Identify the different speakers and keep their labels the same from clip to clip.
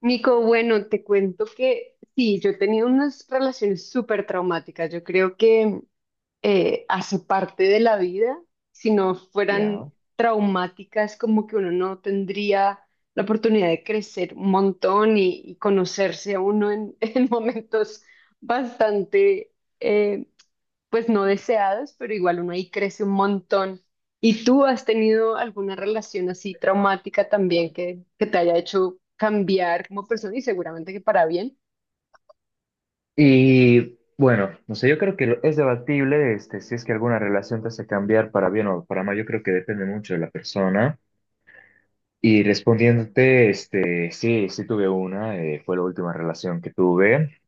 Speaker 1: Nico, bueno, te cuento que sí, yo he tenido unas relaciones súper traumáticas. Yo creo que hace parte de la vida. Si no fueran
Speaker 2: Ya.
Speaker 1: traumáticas, como que uno no tendría la oportunidad de crecer un montón y conocerse a uno en momentos bastante, eh, pues no deseadas pero igual uno ahí crece un montón. ¿Y tú has tenido alguna relación así traumática también que te haya hecho cambiar como persona y seguramente que para bien?
Speaker 2: Y bueno, no sé, yo creo que es debatible si es que alguna relación te hace cambiar para bien o para mal. Yo creo que depende mucho de la persona. Y respondiéndote, sí, sí tuve fue la última relación que tuve.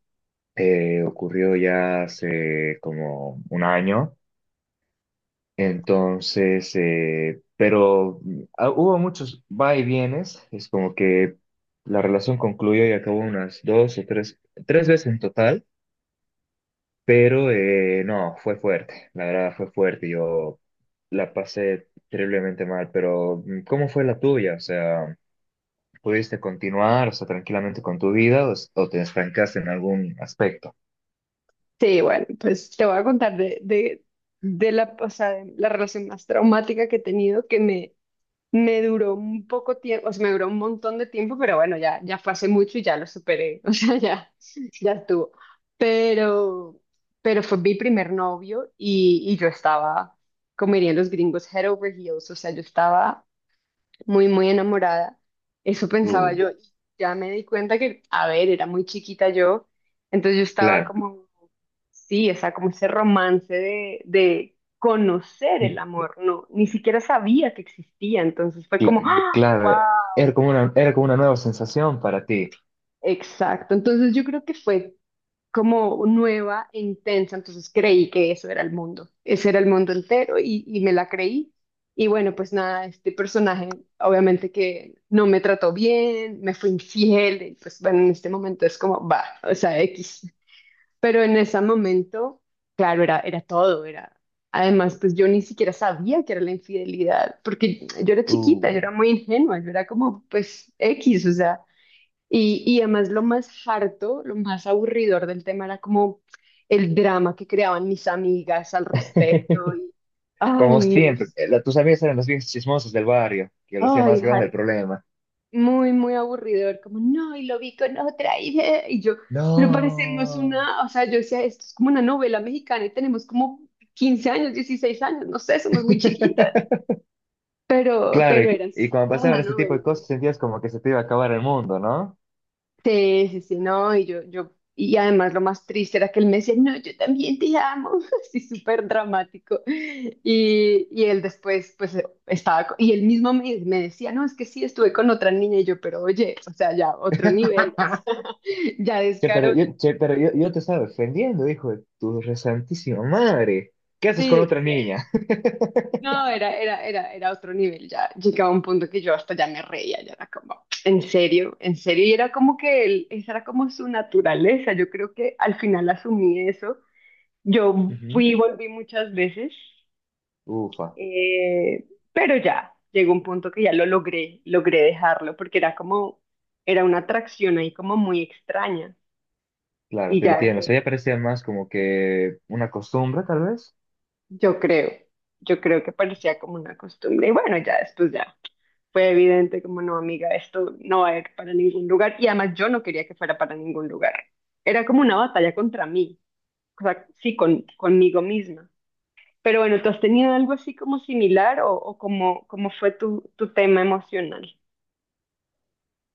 Speaker 2: Ocurrió ya hace como un año. Entonces, pero hubo muchos va y vienes. Es como que la relación concluyó y acabó unas dos o tres veces en total. Pero no, fue fuerte, la verdad fue fuerte, yo la pasé terriblemente mal, pero ¿cómo fue la tuya? O sea, ¿pudiste continuar, o sea, tranquilamente con tu vida o, o te estancaste en algún aspecto?
Speaker 1: Sí, bueno, pues te voy a contar de o sea, de la relación más traumática que he tenido que me duró un poco tiempo, o sea, me duró un montón de tiempo, pero bueno, ya fue hace mucho y ya lo superé, o sea, ya, ya estuvo. Pero, pero fue mi primer novio y yo estaba, como dirían los gringos, head over heels, o sea, yo estaba muy, muy enamorada, eso pensaba
Speaker 2: Tú,
Speaker 1: yo, y ya me di cuenta que, a ver, era muy chiquita yo, entonces yo estaba
Speaker 2: claro,
Speaker 1: como sí, o sea, como ese romance de conocer el amor, no, ni siquiera sabía que existía, entonces fue
Speaker 2: cla-
Speaker 1: como, ¡ah! ¡Wow!
Speaker 2: claro, era como una nueva sensación para ti.
Speaker 1: Exacto, entonces yo creo que fue como nueva e intensa, entonces creí que eso era el mundo, ese era el mundo entero y me la creí. Y bueno, pues nada, este personaje obviamente que no me trató bien, me fue infiel, y pues bueno, en este momento es como, va, o sea, X. Pero en ese momento, claro, era todo, era... Además, pues yo ni siquiera sabía que era la infidelidad, porque yo era chiquita, yo
Speaker 2: Tú,
Speaker 1: era muy ingenua, yo era como, pues, X, o sea, y además lo más harto, lo más aburridor del tema era como el drama que creaban mis amigas al respecto, y, ay,
Speaker 2: como siempre,
Speaker 1: Dios,
Speaker 2: tus amigas eran los viejos chismosos del barrio, que lo hacía
Speaker 1: ay,
Speaker 2: más grande el
Speaker 1: harto.
Speaker 2: problema.
Speaker 1: Muy, muy aburrido aburridor, como, no, y lo vi con otra, y yo, pero parecemos
Speaker 2: No.
Speaker 1: una, o sea, yo decía, esto es como una novela mexicana y tenemos como 15 años, 16 años, no sé, somos muy chiquitas,
Speaker 2: Claro,
Speaker 1: pero
Speaker 2: y,
Speaker 1: era así,
Speaker 2: y cuando
Speaker 1: como una
Speaker 2: pasaban este tipo
Speaker 1: novela.
Speaker 2: de cosas sentías como que se te iba a acabar el mundo, ¿no?
Speaker 1: Sí, sí, sí, no, y yo, y además lo más triste era que él me decía, no, yo también te amo, así súper dramático. Y él después, pues, estaba, y él mismo me decía, no, es que sí, estuve con otra niña, y yo, pero oye, o sea, ya otro nivel, o sea, ya
Speaker 2: Che, pero
Speaker 1: descaro,
Speaker 2: yo, che, pero yo, yo te estaba defendiendo, hijo de tu resantísima madre. ¿Qué haces
Speaker 1: sí,
Speaker 2: con otra
Speaker 1: exacto.
Speaker 2: niña?
Speaker 1: No, era otro nivel, ya llegaba un punto que yo hasta ya me reía, ya era como, en serio, y era como que él, esa era como su naturaleza, yo creo que al final asumí eso. Yo
Speaker 2: Ujú.
Speaker 1: fui y volví muchas veces,
Speaker 2: Ufa,
Speaker 1: eh, pero ya llegó un punto que ya lo logré, logré dejarlo porque era como, era una atracción ahí como muy extraña
Speaker 2: claro,
Speaker 1: y
Speaker 2: te
Speaker 1: ya
Speaker 2: entiendo. O
Speaker 1: dejé,
Speaker 2: sea, ya parecía más como que una costumbre, tal vez.
Speaker 1: yo creo, yo creo que parecía como una costumbre y bueno, ya después ya fue evidente como no, amiga, esto no va a ir para ningún lugar y además yo no quería que fuera para ningún lugar. Era como una batalla contra mí, o sea, sí, conmigo misma. Pero bueno, ¿tú has tenido algo así como similar o cómo fue tu tema emocional?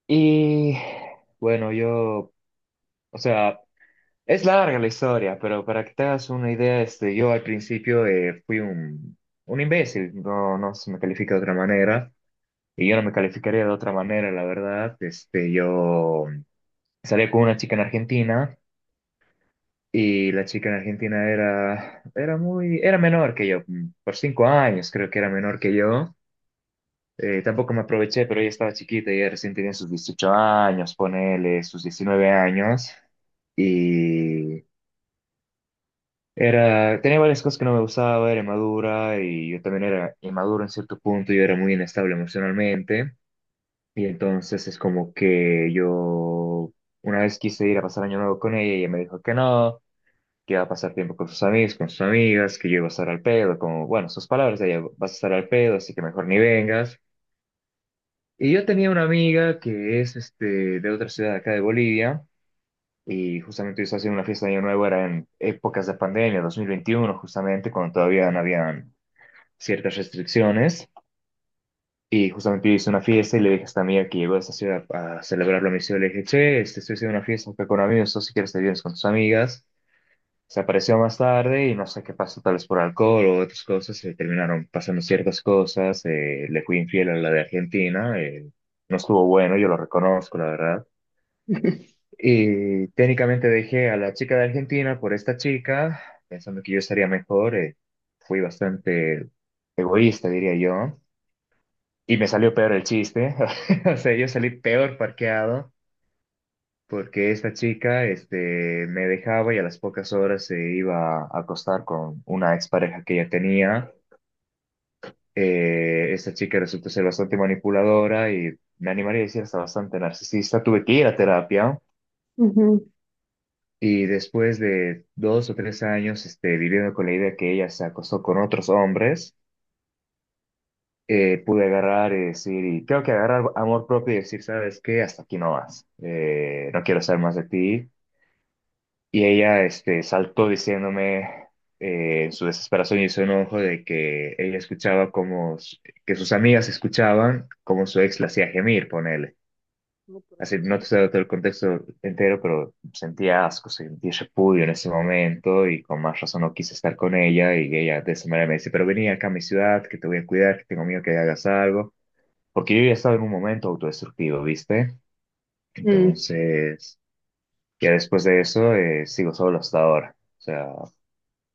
Speaker 2: Y bueno, yo, o sea, es larga la historia, pero para que te hagas una idea, yo al principio fui un imbécil, no, no se me califica de otra manera. Y yo no me calificaría de otra manera, la verdad. Yo salí con una chica en Argentina y la chica en Argentina era menor que yo, por 5 años creo que era menor que yo. Tampoco me aproveché, pero ella estaba chiquita, ella recién tenía sus 18 años, ponele sus 19 años. Y tenía varias cosas que no me gustaba, era inmadura y yo también era inmaduro en cierto punto, yo era muy inestable emocionalmente. Y entonces es como que yo una vez quise ir a pasar año nuevo con ella y ella me dijo que no, que iba a pasar tiempo con sus amigos, con sus amigas, que yo iba a estar al pedo, como, bueno, sus palabras, de ella, vas a estar al pedo, así que mejor ni vengas. Y yo tenía una amiga que es de otra ciudad acá de Bolivia y justamente yo estaba haciendo una fiesta de año nuevo, era en épocas de pandemia, 2021 justamente, cuando todavía no habían ciertas restricciones. Y justamente yo hice una fiesta y le dije a esta amiga que llegó a esta ciudad a celebrar la misión. Le dije, che, estoy haciendo una fiesta acá con amigos, tú si quieres te vienes con tus amigas. Se apareció más tarde y no sé qué pasó, tal vez por alcohol o otras cosas, se terminaron pasando ciertas cosas. Le fui infiel a la de Argentina, no estuvo bueno, yo lo reconozco, la verdad. Y técnicamente dejé a la chica de Argentina por esta chica, pensando que yo estaría mejor. Fui bastante egoísta, diría yo. Y me salió peor el chiste. O sea, yo salí peor parqueado porque esta chica, me dejaba y a las pocas horas se iba a acostar con una expareja que ella tenía. Esta chica resultó ser bastante manipuladora y me animaría a decir hasta bastante narcisista. Tuve que ir a terapia
Speaker 1: Ujú.
Speaker 2: y después de 2 o 3 años, viviendo con la idea que ella se acostó con otros hombres, pude agarrar y decir, y creo que agarrar amor propio y decir, ¿sabes qué? Hasta aquí no más. No quiero saber más de ti. Y ella, saltó diciéndome en su desesperación y su enojo de que ella escuchaba que sus amigas escuchaban como su ex la hacía gemir, ponele.
Speaker 1: No, por
Speaker 2: Así, no te estoy
Speaker 1: Dios.
Speaker 2: dando todo el contexto entero, pero sentía asco, sentí repudio en ese momento y con más razón no quise estar con ella y ella de esa manera me dice, pero vení acá a mi ciudad, que te voy a cuidar, que tengo miedo que hagas algo porque yo ya estaba en un momento autodestructivo, ¿viste?
Speaker 1: Mm.
Speaker 2: Entonces, ya después de eso, sigo solo hasta ahora. O sea,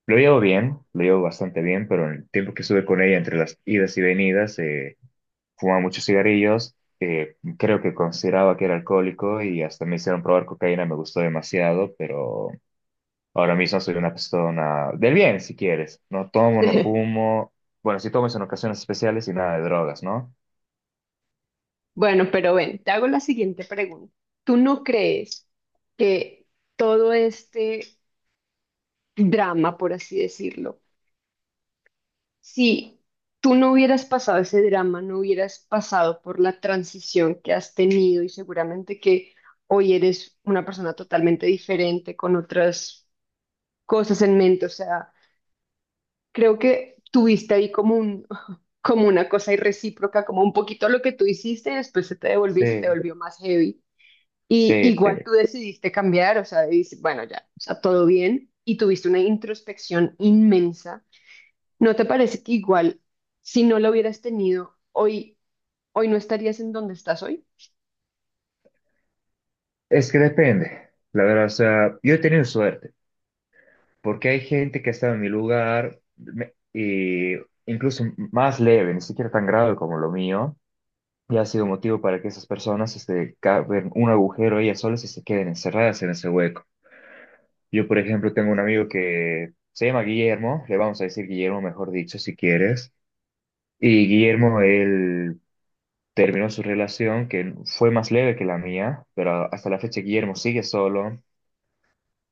Speaker 2: lo llevo bien, lo llevo bastante bien, pero en el tiempo que estuve con ella, entre las idas y venidas, fumaba muchos cigarrillos, creo que consideraba que era alcohólico y hasta me hicieron probar cocaína, me gustó demasiado, pero ahora mismo soy una persona del bien, si quieres. No tomo, no fumo, bueno, sí tomo es en ocasiones especiales y nada de drogas, ¿no?
Speaker 1: Bueno, pero ven, te hago la siguiente pregunta. ¿Tú no crees que todo este drama, por así decirlo, si tú no hubieras pasado ese drama, no hubieras pasado por la transición que has tenido y seguramente que hoy eres una persona totalmente diferente con otras cosas en mente, o sea, creo que tuviste ahí como un, como una cosa irrecíproca, como un poquito lo que tú hiciste y después se te devolvió y se te
Speaker 2: Sí,
Speaker 1: volvió más heavy? Y
Speaker 2: sí,
Speaker 1: igual
Speaker 2: sí.
Speaker 1: tú decidiste cambiar, o sea, dices, bueno, ya, o sea, todo bien y tuviste una introspección inmensa. ¿No te parece que igual si no lo hubieras tenido hoy, hoy no estarías en donde estás hoy?
Speaker 2: Es que depende, la verdad, o sea, yo he tenido suerte, porque hay gente que ha estado en mi lugar, y incluso más leve, ni siquiera tan grave como lo mío, y ha sido motivo para que esas personas caben un agujero ellas solas y se queden encerradas en ese hueco. Yo, por ejemplo, tengo un amigo que se llama Guillermo, le vamos a decir Guillermo, mejor dicho, si quieres, y Guillermo, él terminó su relación, que fue más leve que la mía, pero hasta la fecha Guillermo sigue solo,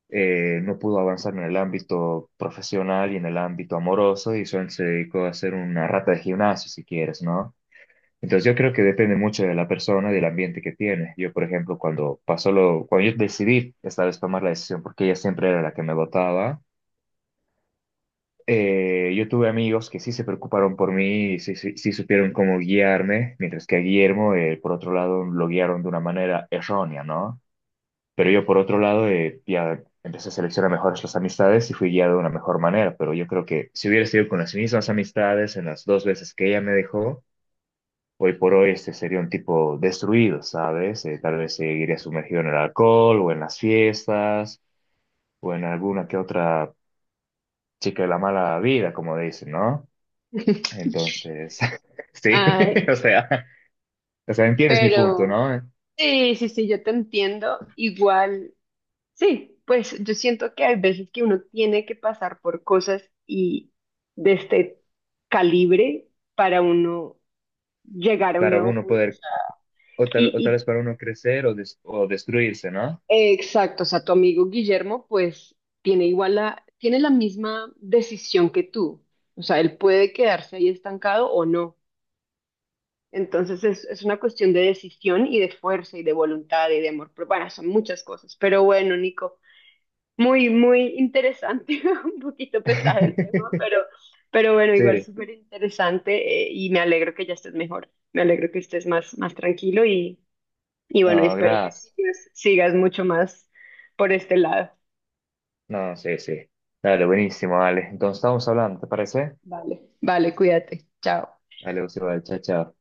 Speaker 2: no pudo avanzar en el ámbito profesional y en el ámbito amoroso y solo se dedicó a ser una rata de gimnasio, si quieres, ¿no? Entonces yo creo que depende mucho de la persona y del ambiente que tiene. Yo, por ejemplo, cuando pasó lo, cuando yo decidí esta vez tomar la decisión, porque ella siempre era la que me votaba, yo tuve amigos que sí se preocuparon por mí y sí, sí supieron cómo guiarme, mientras que a Guillermo, por otro lado, lo guiaron de una manera errónea, ¿no? Pero yo, por otro lado, ya empecé a seleccionar mejor las amistades y fui guiado de una mejor manera. Pero yo creo que si hubiera sido con las mismas amistades en las dos veces que ella me dejó, hoy por hoy este sería un tipo destruido, ¿sabes? Tal vez seguiría sumergido en el alcohol o en las fiestas o en alguna que otra chica de la mala vida, como dicen, ¿no? Entonces, sí,
Speaker 1: Ay,
Speaker 2: o sea, o sea, ¿entiendes mi punto,
Speaker 1: pero
Speaker 2: ¿no?
Speaker 1: sí, sí, sí, yo te entiendo. Igual sí, pues yo siento que hay veces que uno tiene que pasar por cosas y de este calibre para uno llegar a un
Speaker 2: Para
Speaker 1: nuevo
Speaker 2: uno
Speaker 1: punto. O
Speaker 2: poder,
Speaker 1: sea,
Speaker 2: o tal, o tal vez
Speaker 1: y
Speaker 2: para uno crecer o destruirse, ¿no?
Speaker 1: exacto, o sea, tu amigo Guillermo pues tiene igual la, tiene la misma decisión que tú. O sea, él puede quedarse ahí estancado o no. Entonces es una cuestión de decisión y de fuerza y de voluntad y de amor. Pero bueno, son muchas cosas. Pero bueno, Nico. Muy, muy interesante, un poquito pesado el tema, pero bueno, igual
Speaker 2: Sí,
Speaker 1: súper interesante y me alegro que ya estés mejor, me alegro que estés más, más tranquilo y bueno,
Speaker 2: no,
Speaker 1: espero que
Speaker 2: gracias.
Speaker 1: sigas mucho más por este lado.
Speaker 2: No, sí, sí. Dale, buenísimo, dale. Entonces estamos hablando, ¿te parece?
Speaker 1: Vale, vale, cuídate, chao.
Speaker 2: Dale, José, chao, chao.